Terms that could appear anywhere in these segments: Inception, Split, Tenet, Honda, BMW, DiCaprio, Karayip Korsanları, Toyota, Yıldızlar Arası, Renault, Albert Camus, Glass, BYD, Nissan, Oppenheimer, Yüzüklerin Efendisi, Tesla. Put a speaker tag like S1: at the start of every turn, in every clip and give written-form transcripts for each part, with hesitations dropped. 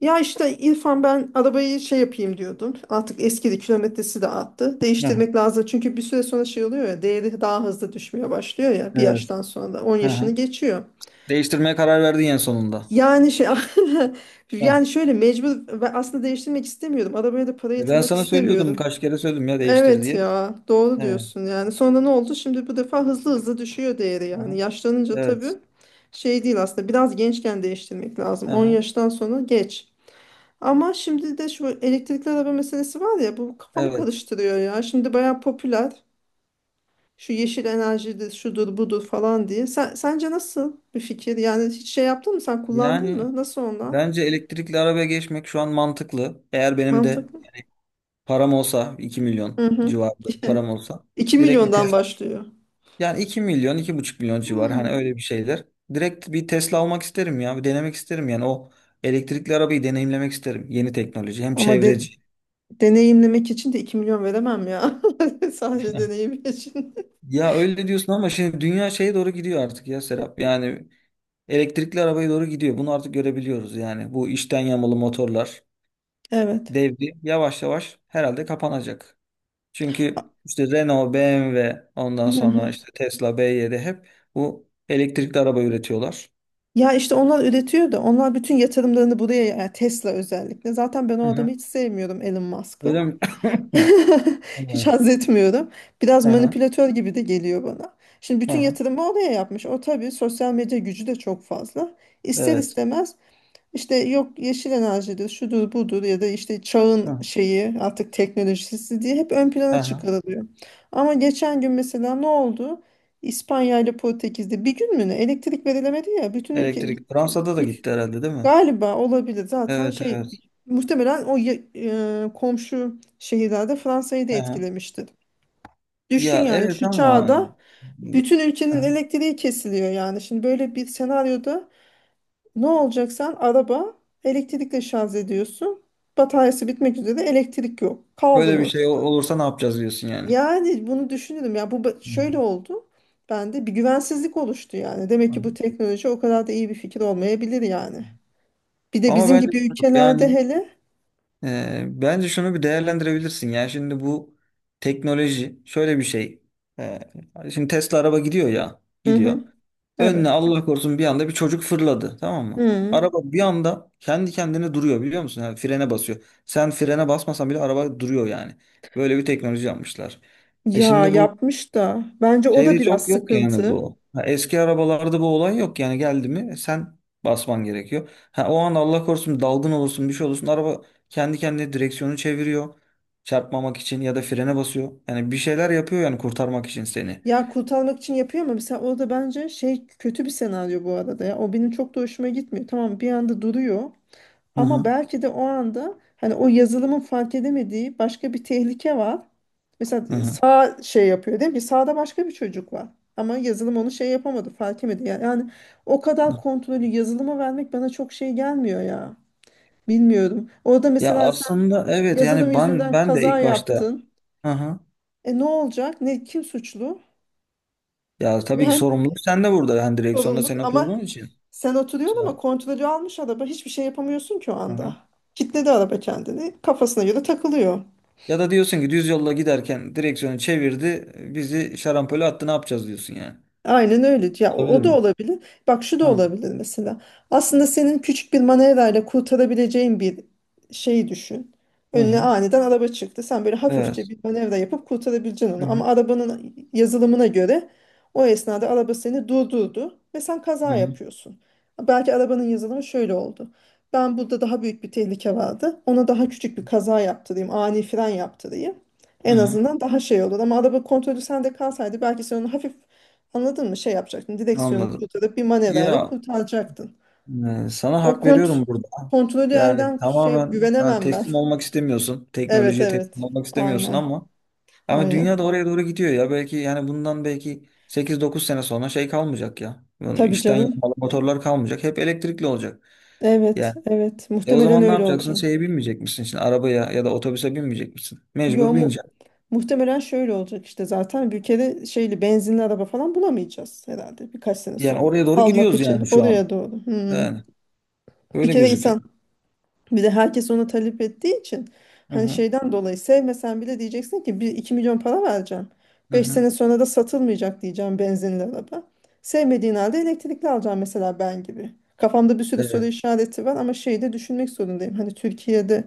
S1: Ya işte İrfan ben arabayı şey yapayım diyordum. Artık eskidi kilometresi de arttı.
S2: Heh,
S1: Değiştirmek lazım. Çünkü bir süre sonra şey oluyor ya değeri daha hızlı düşmeye başlıyor ya bir
S2: evet.
S1: yaştan sonra da 10
S2: Hı
S1: yaşını
S2: hı.
S1: geçiyor.
S2: Değiştirmeye karar verdin en sonunda.
S1: Yani şey
S2: Heh.
S1: yani şöyle mecbur ve aslında değiştirmek istemiyorum. Arabaya da para
S2: E, ben
S1: yatırmak
S2: sana söylüyordum
S1: istemiyorum.
S2: kaç kere söyledim ya değiştir
S1: Evet
S2: diye.
S1: ya doğru
S2: Evet.
S1: diyorsun yani. Sonra ne oldu? Şimdi bu defa hızlı hızlı düşüyor değeri yani.
S2: Aha.
S1: Yaşlanınca tabii
S2: Evet.
S1: şey değil aslında. Biraz gençken değiştirmek lazım. 10
S2: Aha.
S1: yaştan sonra geç. Ama şimdi de şu elektrikli araba meselesi var ya bu kafamı
S2: Evet.
S1: karıştırıyor ya. Şimdi bayağı popüler. Şu yeşil enerjidir, şudur, budur falan diye. Sence nasıl bir fikir? Yani hiç şey yaptın mı? Sen kullandın
S2: Yani
S1: mı? Nasıl onlar?
S2: bence elektrikli arabaya geçmek şu an mantıklı. Eğer benim de
S1: Mantıklı.
S2: yani param olsa 2 milyon
S1: Hı hı.
S2: civarında bir param olsa
S1: 2
S2: direkt bir
S1: milyondan
S2: Tesla.
S1: başlıyor.
S2: Yani 2 milyon 2,5 milyon civar
S1: Hmm.
S2: hani öyle bir şeyler. Direkt bir Tesla almak isterim ya. Bir denemek isterim yani o elektrikli arabayı deneyimlemek isterim. Yeni teknoloji hem
S1: Ama
S2: çevreci.
S1: deneyimlemek için de 2 milyon veremem ya. Sadece deneyim için.
S2: Ya öyle diyorsun ama şimdi dünya şeye doğru gidiyor artık ya Serap. Yani elektrikli arabaya doğru gidiyor. Bunu artık görebiliyoruz yani. Bu içten yanmalı motorlar
S1: Evet.
S2: devri yavaş yavaş herhalde kapanacak. Çünkü işte Renault, BMW, ondan sonra işte Tesla, BYD hep bu elektrikli araba üretiyorlar.
S1: Ya işte onlar üretiyor da onlar bütün yatırımlarını buraya yani Tesla özellikle. Zaten ben o
S2: Hı
S1: adamı
S2: hı.
S1: hiç sevmiyorum Elon Musk'ı.
S2: Öyle mi?
S1: Hiç
S2: Hı
S1: haz etmiyorum. Biraz
S2: hı.
S1: manipülatör gibi de geliyor bana. Şimdi
S2: Hı
S1: bütün
S2: hı.
S1: yatırımı oraya yapmış. O tabii sosyal medya gücü de çok fazla. İster
S2: Evet.
S1: istemez işte yok yeşil enerjidir, şudur budur ya da işte
S2: Hı
S1: çağın
S2: hı.
S1: şeyi artık teknolojisi diye hep ön
S2: Hı
S1: plana
S2: hı.
S1: çıkarılıyor. Ama geçen gün mesela ne oldu? İspanya ile Portekiz'de bir gün mü ne elektrik verilemedi ya bütün ülke.
S2: Elektrik Fransa'da da gitti herhalde değil mi?
S1: Galiba olabilir. Zaten
S2: Evet
S1: şey
S2: evet.
S1: muhtemelen o komşu şehirlerde Fransa'yı da
S2: Hı hı.
S1: etkilemiştir. Düşün
S2: Ya
S1: yani
S2: evet
S1: şu
S2: ama e,
S1: çağda bütün
S2: hı.
S1: ülkenin elektriği kesiliyor yani. Şimdi böyle bir senaryoda ne olacak sen araba elektrikle şarj ediyorsun. Bataryası bitmek üzere elektrik yok. Kaldın
S2: Böyle bir şey
S1: orada.
S2: olursa ne yapacağız diyorsun yani.
S1: Yani bunu düşünürüm ya bu şöyle oldu. Bende bir güvensizlik oluştu yani. Demek ki bu
S2: Anladım.
S1: teknoloji o kadar da iyi bir fikir olmayabilir yani. Bir de
S2: Ama
S1: bizim
S2: bence
S1: gibi ülkelerde
S2: yani
S1: hele.
S2: e, bence şunu bir değerlendirebilirsin. Yani şimdi bu teknoloji şöyle bir şey. E, şimdi Tesla araba gidiyor ya,
S1: Hı hı.
S2: gidiyor. Önüne
S1: Evet.
S2: Allah korusun bir anda bir çocuk fırladı, tamam mı?
S1: Hı.
S2: Araba bir anda kendi kendine duruyor biliyor musun? Yani frene basıyor. Sen frene basmasan bile araba duruyor yani. Böyle bir teknoloji yapmışlar. E
S1: Ya
S2: şimdi bu
S1: yapmış da bence o da
S2: şeyde çok
S1: biraz
S2: yok yani
S1: sıkıntı.
S2: bu. Ha, eski arabalarda bu olay yok yani geldi mi sen basman gerekiyor. Ha, o an Allah korusun dalgın olursun bir şey olursun araba kendi kendine direksiyonu çeviriyor. Çarpmamak için ya da frene basıyor. Yani bir şeyler yapıyor yani kurtarmak için seni.
S1: Ya kurtarmak için yapıyor ama mesela o da bence şey kötü bir senaryo bu arada ya. O benim çok da hoşuma gitmiyor. Tamam bir anda duruyor
S2: Hı
S1: ama
S2: hı
S1: belki de o anda hani o yazılımın fark edemediği başka bir tehlike var. Mesela
S2: hı hı.
S1: sağ şey yapıyor değil mi? Sağda başka bir çocuk var. Ama yazılım onu şey yapamadı, fark edemedi. Yani o kadar
S2: Hı.
S1: kontrolü yazılıma vermek bana çok şey gelmiyor ya. Bilmiyorum. Orada
S2: Ya
S1: mesela.
S2: aslında evet
S1: Yazılım
S2: yani ben
S1: yüzünden
S2: ben de
S1: kaza
S2: ilk başta
S1: yaptın.
S2: hı hı.
S1: E ne olacak? Ne kim suçlu?
S2: Ya tabii ki
S1: Ben
S2: sorumluluk sende burada. Yani direksiyonda
S1: sorumluluk
S2: sen
S1: ama
S2: oturduğun için.
S1: sen oturuyorsun ama
S2: So-
S1: kontrolü almış araba hiçbir şey yapamıyorsun ki o
S2: Hı
S1: anda.
S2: hı.
S1: Kitledi araba kendini. Kafasına göre takılıyor.
S2: Ya da diyorsun ki düz yolla giderken direksiyonu çevirdi, bizi şarampole attı ne yapacağız diyorsun yani.
S1: Aynen öyle. Ya
S2: Olabilir
S1: o da
S2: mi?
S1: olabilir. Bak şu da
S2: Ha,
S1: olabilir mesela. Aslında senin küçük bir manevrayla kurtarabileceğin bir şeyi düşün.
S2: hı
S1: Önüne
S2: hı.
S1: aniden araba çıktı. Sen böyle hafifçe
S2: Evet.
S1: bir manevra yapıp kurtarabileceksin
S2: Hı
S1: onu. Ama
S2: hı.
S1: arabanın yazılımına göre o esnada araba seni durdurdu ve sen
S2: Hı
S1: kaza
S2: hı.
S1: yapıyorsun. Belki arabanın yazılımı şöyle oldu. Ben burada daha büyük bir tehlike vardı. Ona daha küçük bir kaza yaptırayım, ani fren yaptırayım.
S2: Hı
S1: En
S2: hı.
S1: azından daha şey olur. Ama araba kontrolü sende kalsaydı belki sen onu hafif. Anladın mı? Şey yapacaktın. Direksiyonu
S2: Anladım.
S1: kurtarıp bir manevrayla
S2: Ya
S1: kurtaracaktın.
S2: e, sana
S1: O
S2: hak veriyorum burada.
S1: kontrolü
S2: Yani
S1: elden şey
S2: tamamen yani
S1: güvenemem ben.
S2: teslim olmak istemiyorsun.
S1: Evet
S2: Teknolojiye teslim
S1: evet.
S2: olmak istemiyorsun
S1: Aynen.
S2: ama ama dünya
S1: Aynen.
S2: da oraya doğru gidiyor ya. Belki yani bundan belki 8-9 sene sonra şey kalmayacak ya. Yani
S1: Tabii
S2: içten
S1: canım.
S2: yanmalı motorlar kalmayacak. Hep elektrikli olacak.
S1: Evet
S2: Yani
S1: evet.
S2: e o
S1: Muhtemelen
S2: zaman ne
S1: öyle
S2: yapacaksın?
S1: olacak.
S2: Şeye binmeyecek misin? Şimdi arabaya ya da otobüse binmeyecek misin?
S1: Yo
S2: Mecbur bineceksin.
S1: muhtemelen şöyle olacak işte zaten bir kere şeyli benzinli araba falan bulamayacağız herhalde birkaç sene
S2: Yani
S1: sonra.
S2: oraya doğru
S1: Almak
S2: gidiyoruz yani
S1: için
S2: şu an.
S1: oraya doğru. Hmm.
S2: Yani
S1: Bir
S2: öyle
S1: kere
S2: gözüküyor.
S1: insan. Bir de herkes ona talep ettiği için
S2: Hı
S1: hani
S2: hı.
S1: şeyden dolayı sevmesen bile diyeceksin ki bir iki milyon para vereceğim.
S2: Hı
S1: beş
S2: hı.
S1: sene sonra da satılmayacak diyeceğim benzinli araba. Sevmediğin halde elektrikli alacağım mesela ben gibi. Kafamda bir sürü soru
S2: Evet.
S1: işareti var ama şeyi de düşünmek zorundayım. Hani Türkiye'de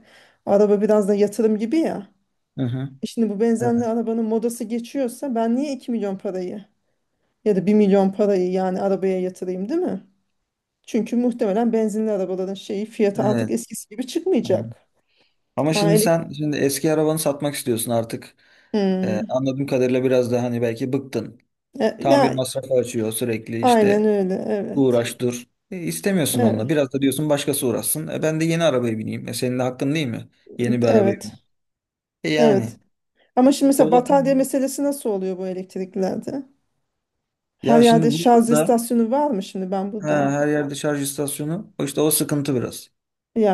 S1: araba biraz da yatırım gibi ya.
S2: Hı hı.
S1: E şimdi bu benzinli
S2: Evet.
S1: arabanın modası geçiyorsa ben niye 2 milyon parayı ya da 1 milyon parayı yani arabaya yatırayım değil mi? Çünkü muhtemelen benzinli arabaların şeyi fiyatı artık
S2: Evet.
S1: eskisi gibi
S2: Tamam.
S1: çıkmayacak.
S2: Ama
S1: Ha.
S2: şimdi sen şimdi eski arabanı satmak istiyorsun artık.
S1: Hmm.
S2: Anladığım kadarıyla biraz da hani belki bıktın.
S1: Ya
S2: Tamir masrafı açıyor sürekli
S1: aynen
S2: işte
S1: öyle. Evet.
S2: uğraş dur. E, istemiyorsun onunla.
S1: Evet.
S2: Biraz da diyorsun başkası uğraşsın. E, ben de yeni arabaya bineyim. E, senin de hakkın değil mi? Yeni bir arabaya
S1: Evet.
S2: bineyim. E, yani.
S1: Evet. Ama şimdi mesela
S2: O
S1: batarya
S2: bakım.
S1: meselesi nasıl oluyor bu elektriklerde? Her
S2: Ya
S1: yerde
S2: şimdi
S1: şarj
S2: burada da
S1: istasyonu var mı şimdi ben
S2: he,
S1: buradan?
S2: her yerde şarj istasyonu. O işte o sıkıntı biraz.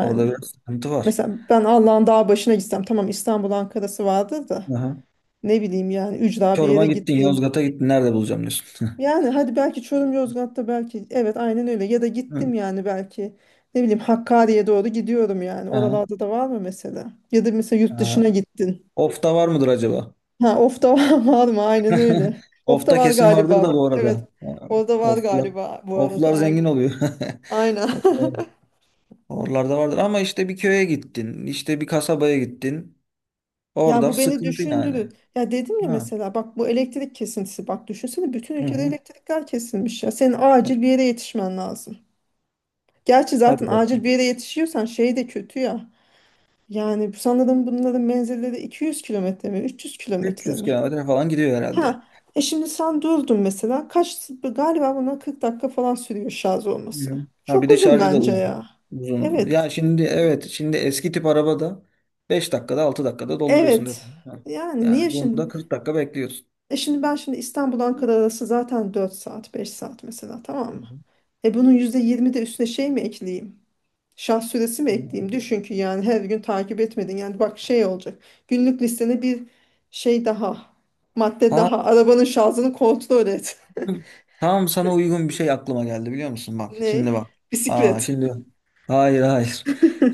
S2: Orada biraz sıkıntı var.
S1: mesela ben Allah'ın dağ başına gitsem tamam İstanbul Ankara'sı vardır da
S2: Aha.
S1: ne bileyim yani ücra bir yere
S2: Çorum'a gittin,
S1: gittin.
S2: Yozgat'a gittin. Nerede bulacağım diyorsun.
S1: Yani hadi belki Çorum Yozgat'ta belki evet aynen öyle ya da gittim yani belki ne bileyim Hakkari'ye doğru gidiyorum yani
S2: Aha,
S1: oralarda da var mı mesela? Ya da mesela yurt
S2: aha.
S1: dışına gittin.
S2: Ofta var mıdır acaba?
S1: Ha, of da var, var mı? Aynen öyle. Of da
S2: Ofta
S1: var
S2: kesin vardır da
S1: galiba.
S2: bu
S1: Evet.
S2: arada. Ha,
S1: Orada var
S2: oflar,
S1: galiba bu arada.
S2: oflar
S1: Aynen.
S2: zengin oluyor.
S1: Aynen.
S2: Oflar- Oralarda vardır ama işte bir köye gittin, işte bir kasabaya gittin.
S1: Ya
S2: Orada
S1: bu beni
S2: sıkıntı yani.
S1: düşündürür. Ya dedim ya
S2: Ha.
S1: mesela bak bu elektrik kesintisi. Bak düşünsene bütün
S2: Hı
S1: ülkede
S2: hı.
S1: elektrikler kesilmiş ya. Senin acil bir yere yetişmen lazım. Gerçi zaten
S2: Hadi
S1: acil
S2: bakalım.
S1: bir yere yetişiyorsan şey de kötü ya. Yani sanırım bunların menzilleri 200 kilometre mi 300 kilometre
S2: 300
S1: mi?
S2: kilometre falan gidiyor herhalde.
S1: Ha, şimdi sen durdun mesela. Kaç galiba buna 40 dakika falan sürüyor şarj olması.
S2: Hı. Ha bir
S1: Çok
S2: de
S1: uzun
S2: şarjı da
S1: bence
S2: uzun.
S1: ya.
S2: Uzun uzun.
S1: Evet.
S2: Ya şimdi evet şimdi eski tip arabada 5 dakikada 6 dakikada dolduruyorsun, değil mi?
S1: Evet.
S2: Ha.
S1: Yani niye
S2: Yani
S1: şimdi?
S2: bunda 40 dakika
S1: E şimdi ben şimdi İstanbul
S2: bekliyorsun.
S1: Ankara arası zaten 4 saat 5 saat mesela tamam mı? E bunun %20 de üstüne şey mi ekleyeyim? Şarj süresi mi ekleyeyim? Düşün ki yani her gün takip etmedin. Yani bak şey olacak. Günlük listene bir şey daha. Madde
S2: Ha,
S1: daha. Arabanın şarjını kontrol et.
S2: tam sana uygun bir şey aklıma geldi biliyor musun? Bak
S1: Ne?
S2: şimdi bak. Aa
S1: Bisiklet.
S2: şimdi hayır hayır.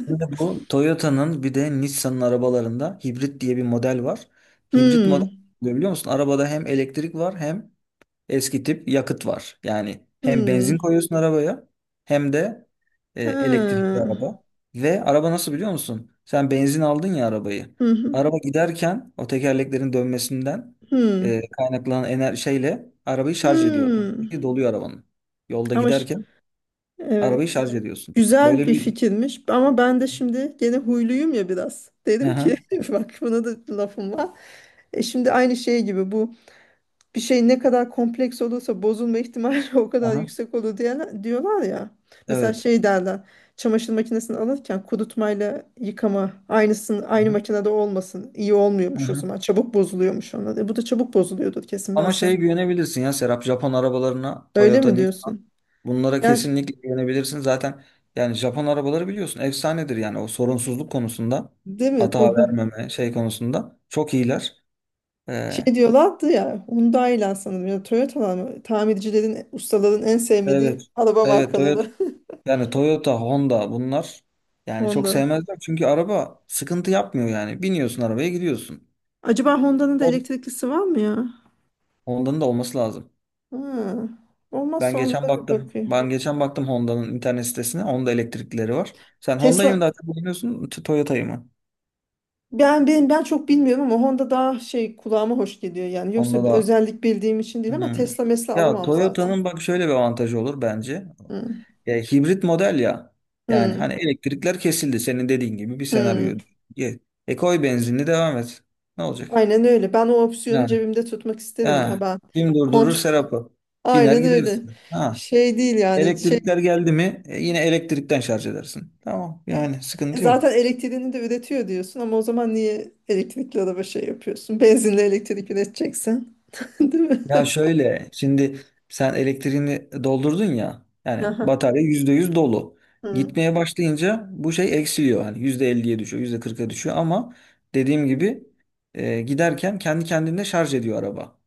S2: Şimdi bu Toyota'nın bir de Nissan'ın arabalarında hibrit diye bir model var. Hibrit model
S1: Hmm.
S2: ne biliyor musun? Arabada hem elektrik var hem eski tip yakıt var. Yani hem benzin
S1: Hmm.
S2: koyuyorsun arabaya hem de e,
S1: Ha.
S2: elektrikli araba. Ve araba nasıl biliyor musun? Sen benzin aldın ya arabayı.
S1: Hı hı.
S2: Araba giderken o tekerleklerin dönmesinden e,
S1: Hmm.
S2: kaynaklanan şeyle arabayı şarj ediyor.
S1: Hmm.
S2: Elektriği doluyor arabanın. Yolda
S1: Ama
S2: giderken arabayı
S1: evet.
S2: şarj ediyorsun.
S1: Güzel
S2: Böyle
S1: bir
S2: bir...
S1: fikirmiş ama ben de şimdi gene huyluyum ya biraz. Dedim ki
S2: Aha,
S1: bak buna da lafım var. E şimdi aynı şey gibi bu bir şey ne kadar kompleks olursa bozulma ihtimali o kadar
S2: aha,
S1: yüksek olur diye, diyorlar ya. Mesela
S2: evet.
S1: şey derler çamaşır makinesini alırken kurutmayla yıkama aynısın aynı
S2: Aha,
S1: makinede olmasın iyi olmuyormuş o
S2: aha.
S1: zaman çabuk bozuluyormuş onlar. Bu da çabuk bozuluyordur kesin ben
S2: Ama
S1: sana.
S2: şey güvenebilirsin ya Serap Japon arabalarına
S1: Öyle
S2: Toyota,
S1: mi
S2: Nissan.
S1: diyorsun?
S2: Bunlara
S1: Gerçi
S2: kesinlikle güvenebilirsin. Zaten yani Japon arabaları biliyorsun efsanedir yani o sorunsuzluk konusunda
S1: değil mi
S2: hata
S1: bu
S2: vermeme şey konusunda çok iyiler.
S1: şey
S2: Ee,
S1: diyorlardı ya Hyundai'ler sanırım ya da Toyota'lar mı? Tamircilerin ustaların en
S2: evet.
S1: sevmediği araba
S2: Evet Toyota
S1: markaları.
S2: yani Toyota, Honda bunlar yani çok
S1: Honda.
S2: sevmezler çünkü araba sıkıntı yapmıyor yani. Biniyorsun arabaya gidiyorsun.
S1: Acaba Honda'nın da
S2: O
S1: elektriklisi var mı ya?
S2: Honda'nın da olması lazım.
S1: Ha,
S2: Ben
S1: olmazsa ona
S2: geçen
S1: da bir
S2: baktım.
S1: bakayım.
S2: Ben geçen baktım Honda'nın internet sitesine. Honda elektriklileri var. Sen Honda'yı mı
S1: Tesla
S2: daha çok beğeniyorsun, Toyota'yı mı?
S1: ben çok bilmiyorum ama Honda daha şey kulağıma hoş geliyor yani.
S2: Honda
S1: Yoksa bir
S2: da
S1: özellik bildiğim için değil ama
S2: hmm.
S1: Tesla mesela
S2: Ya
S1: alamam zaten.
S2: Toyota'nın bak şöyle bir avantajı olur bence.
S1: Hı,
S2: Ya, hibrit model ya. Yani
S1: hı,
S2: hani elektrikler kesildi senin dediğin gibi bir
S1: hı.
S2: senaryo. Ye- E koy benzinli devam et. Ne olacak?
S1: Aynen öyle. Ben o opsiyonu
S2: Ha,
S1: cebimde tutmak isterim ya
S2: ha.
S1: ben.
S2: Kim durdurur
S1: Kont.
S2: Serap'ı? Biner
S1: Aynen öyle.
S2: gidersin. Ha.
S1: Şey değil yani. Şey
S2: Elektrikler geldi mi e, yine elektrikten şarj edersin. Tamam yani sıkıntı yok.
S1: zaten elektriğini de üretiyor diyorsun ama o zaman niye elektrikli araba şey yapıyorsun? Benzinle elektrik üreteceksin. Değil mi?
S2: Ya şöyle şimdi sen elektriğini doldurdun ya yani
S1: Aha.
S2: batarya %100 dolu.
S1: Hı.
S2: Gitmeye başlayınca bu şey eksiliyor. Hani %50'ye düşüyor, %40'a düşüyor ama dediğim gibi e, giderken kendi kendine şarj ediyor araba.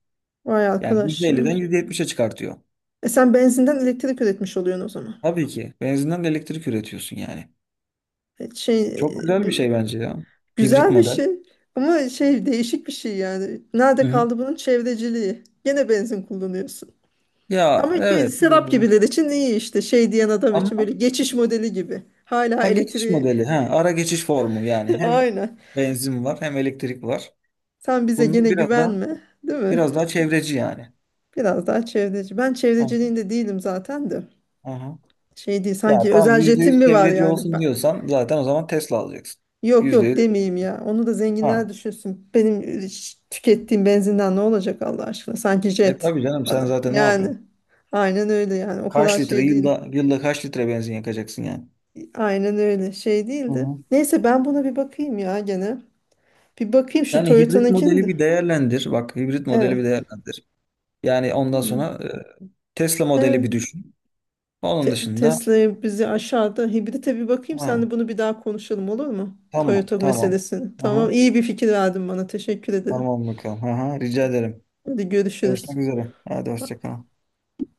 S1: Vay
S2: Yani yüzde
S1: arkadaş ya.
S2: elli'den yüzde yetmiş'e çıkartıyor.
S1: E sen benzinden elektrik üretmiş oluyorsun o zaman.
S2: Tabii ki benzinden de elektrik üretiyorsun yani.
S1: E şey
S2: Çok güzel bir
S1: bu
S2: şey bence ya. Hibrit
S1: güzel bir
S2: model.
S1: şey ama şey değişik bir şey yani. Nerede
S2: Hı hı.
S1: kaldı bunun çevreciliği? Gene benzin kullanıyorsun.
S2: Ya
S1: Ama bir
S2: evet
S1: serap
S2: e,
S1: gibiler için iyi işte şey diyen adam
S2: ama
S1: için böyle geçiş modeli gibi. Hala
S2: ha, geçiş
S1: elektriği.
S2: modeli ha, ara geçiş formu yani hem
S1: Aynen.
S2: benzin var hem elektrik var.
S1: Sen bize
S2: Bunlar
S1: gene
S2: biraz daha
S1: güvenme değil mi?
S2: biraz daha çevreci yani.
S1: Biraz daha çevreci. Ben
S2: Aha,
S1: çevreciliğinde değilim zaten de.
S2: aha.
S1: Şey değil
S2: Ya
S1: sanki
S2: tamam
S1: özel
S2: yüzde
S1: jetim
S2: yüz
S1: mi var
S2: çevreci
S1: yani?
S2: olsun diyorsan zaten o zaman Tesla alacaksın.
S1: Yok yok
S2: %100.
S1: demeyeyim ya. Onu da zenginler
S2: Ha.
S1: düşünsün. Benim tükettiğim benzinden ne olacak Allah aşkına? Sanki
S2: E
S1: jet
S2: tabii canım sen
S1: bana.
S2: zaten ne
S1: Yani
S2: yapıyorsun?
S1: aynen öyle yani. O kadar
S2: Kaç litre
S1: şey değil.
S2: yılda kaç litre benzin yakacaksın yani?
S1: Aynen öyle şey
S2: Hı
S1: değildi.
S2: hı.
S1: Neyse ben buna bir bakayım ya gene. Bir bakayım şu
S2: Yani hibrit
S1: Toyota'nınkini
S2: modeli
S1: de.
S2: bir değerlendir. Bak hibrit modeli
S1: Evet.
S2: bir değerlendir. Yani ondan
S1: Hmm.
S2: sonra e, Tesla modeli
S1: Evet.
S2: bir düşün. Onun dışında
S1: Tesla'ya bizi aşağıda hibrite bir bakayım.
S2: ha,
S1: Sen de bunu bir daha konuşalım olur mu?
S2: tamam
S1: Toyota
S2: tamam.
S1: meselesini. Tamam
S2: Aha,
S1: iyi bir fikir verdin bana. Teşekkür ederim.
S2: tamam bakalım. Aha, rica ederim.
S1: Hadi görüşürüz.
S2: Görüşmek üzere. Hadi hoşça kal.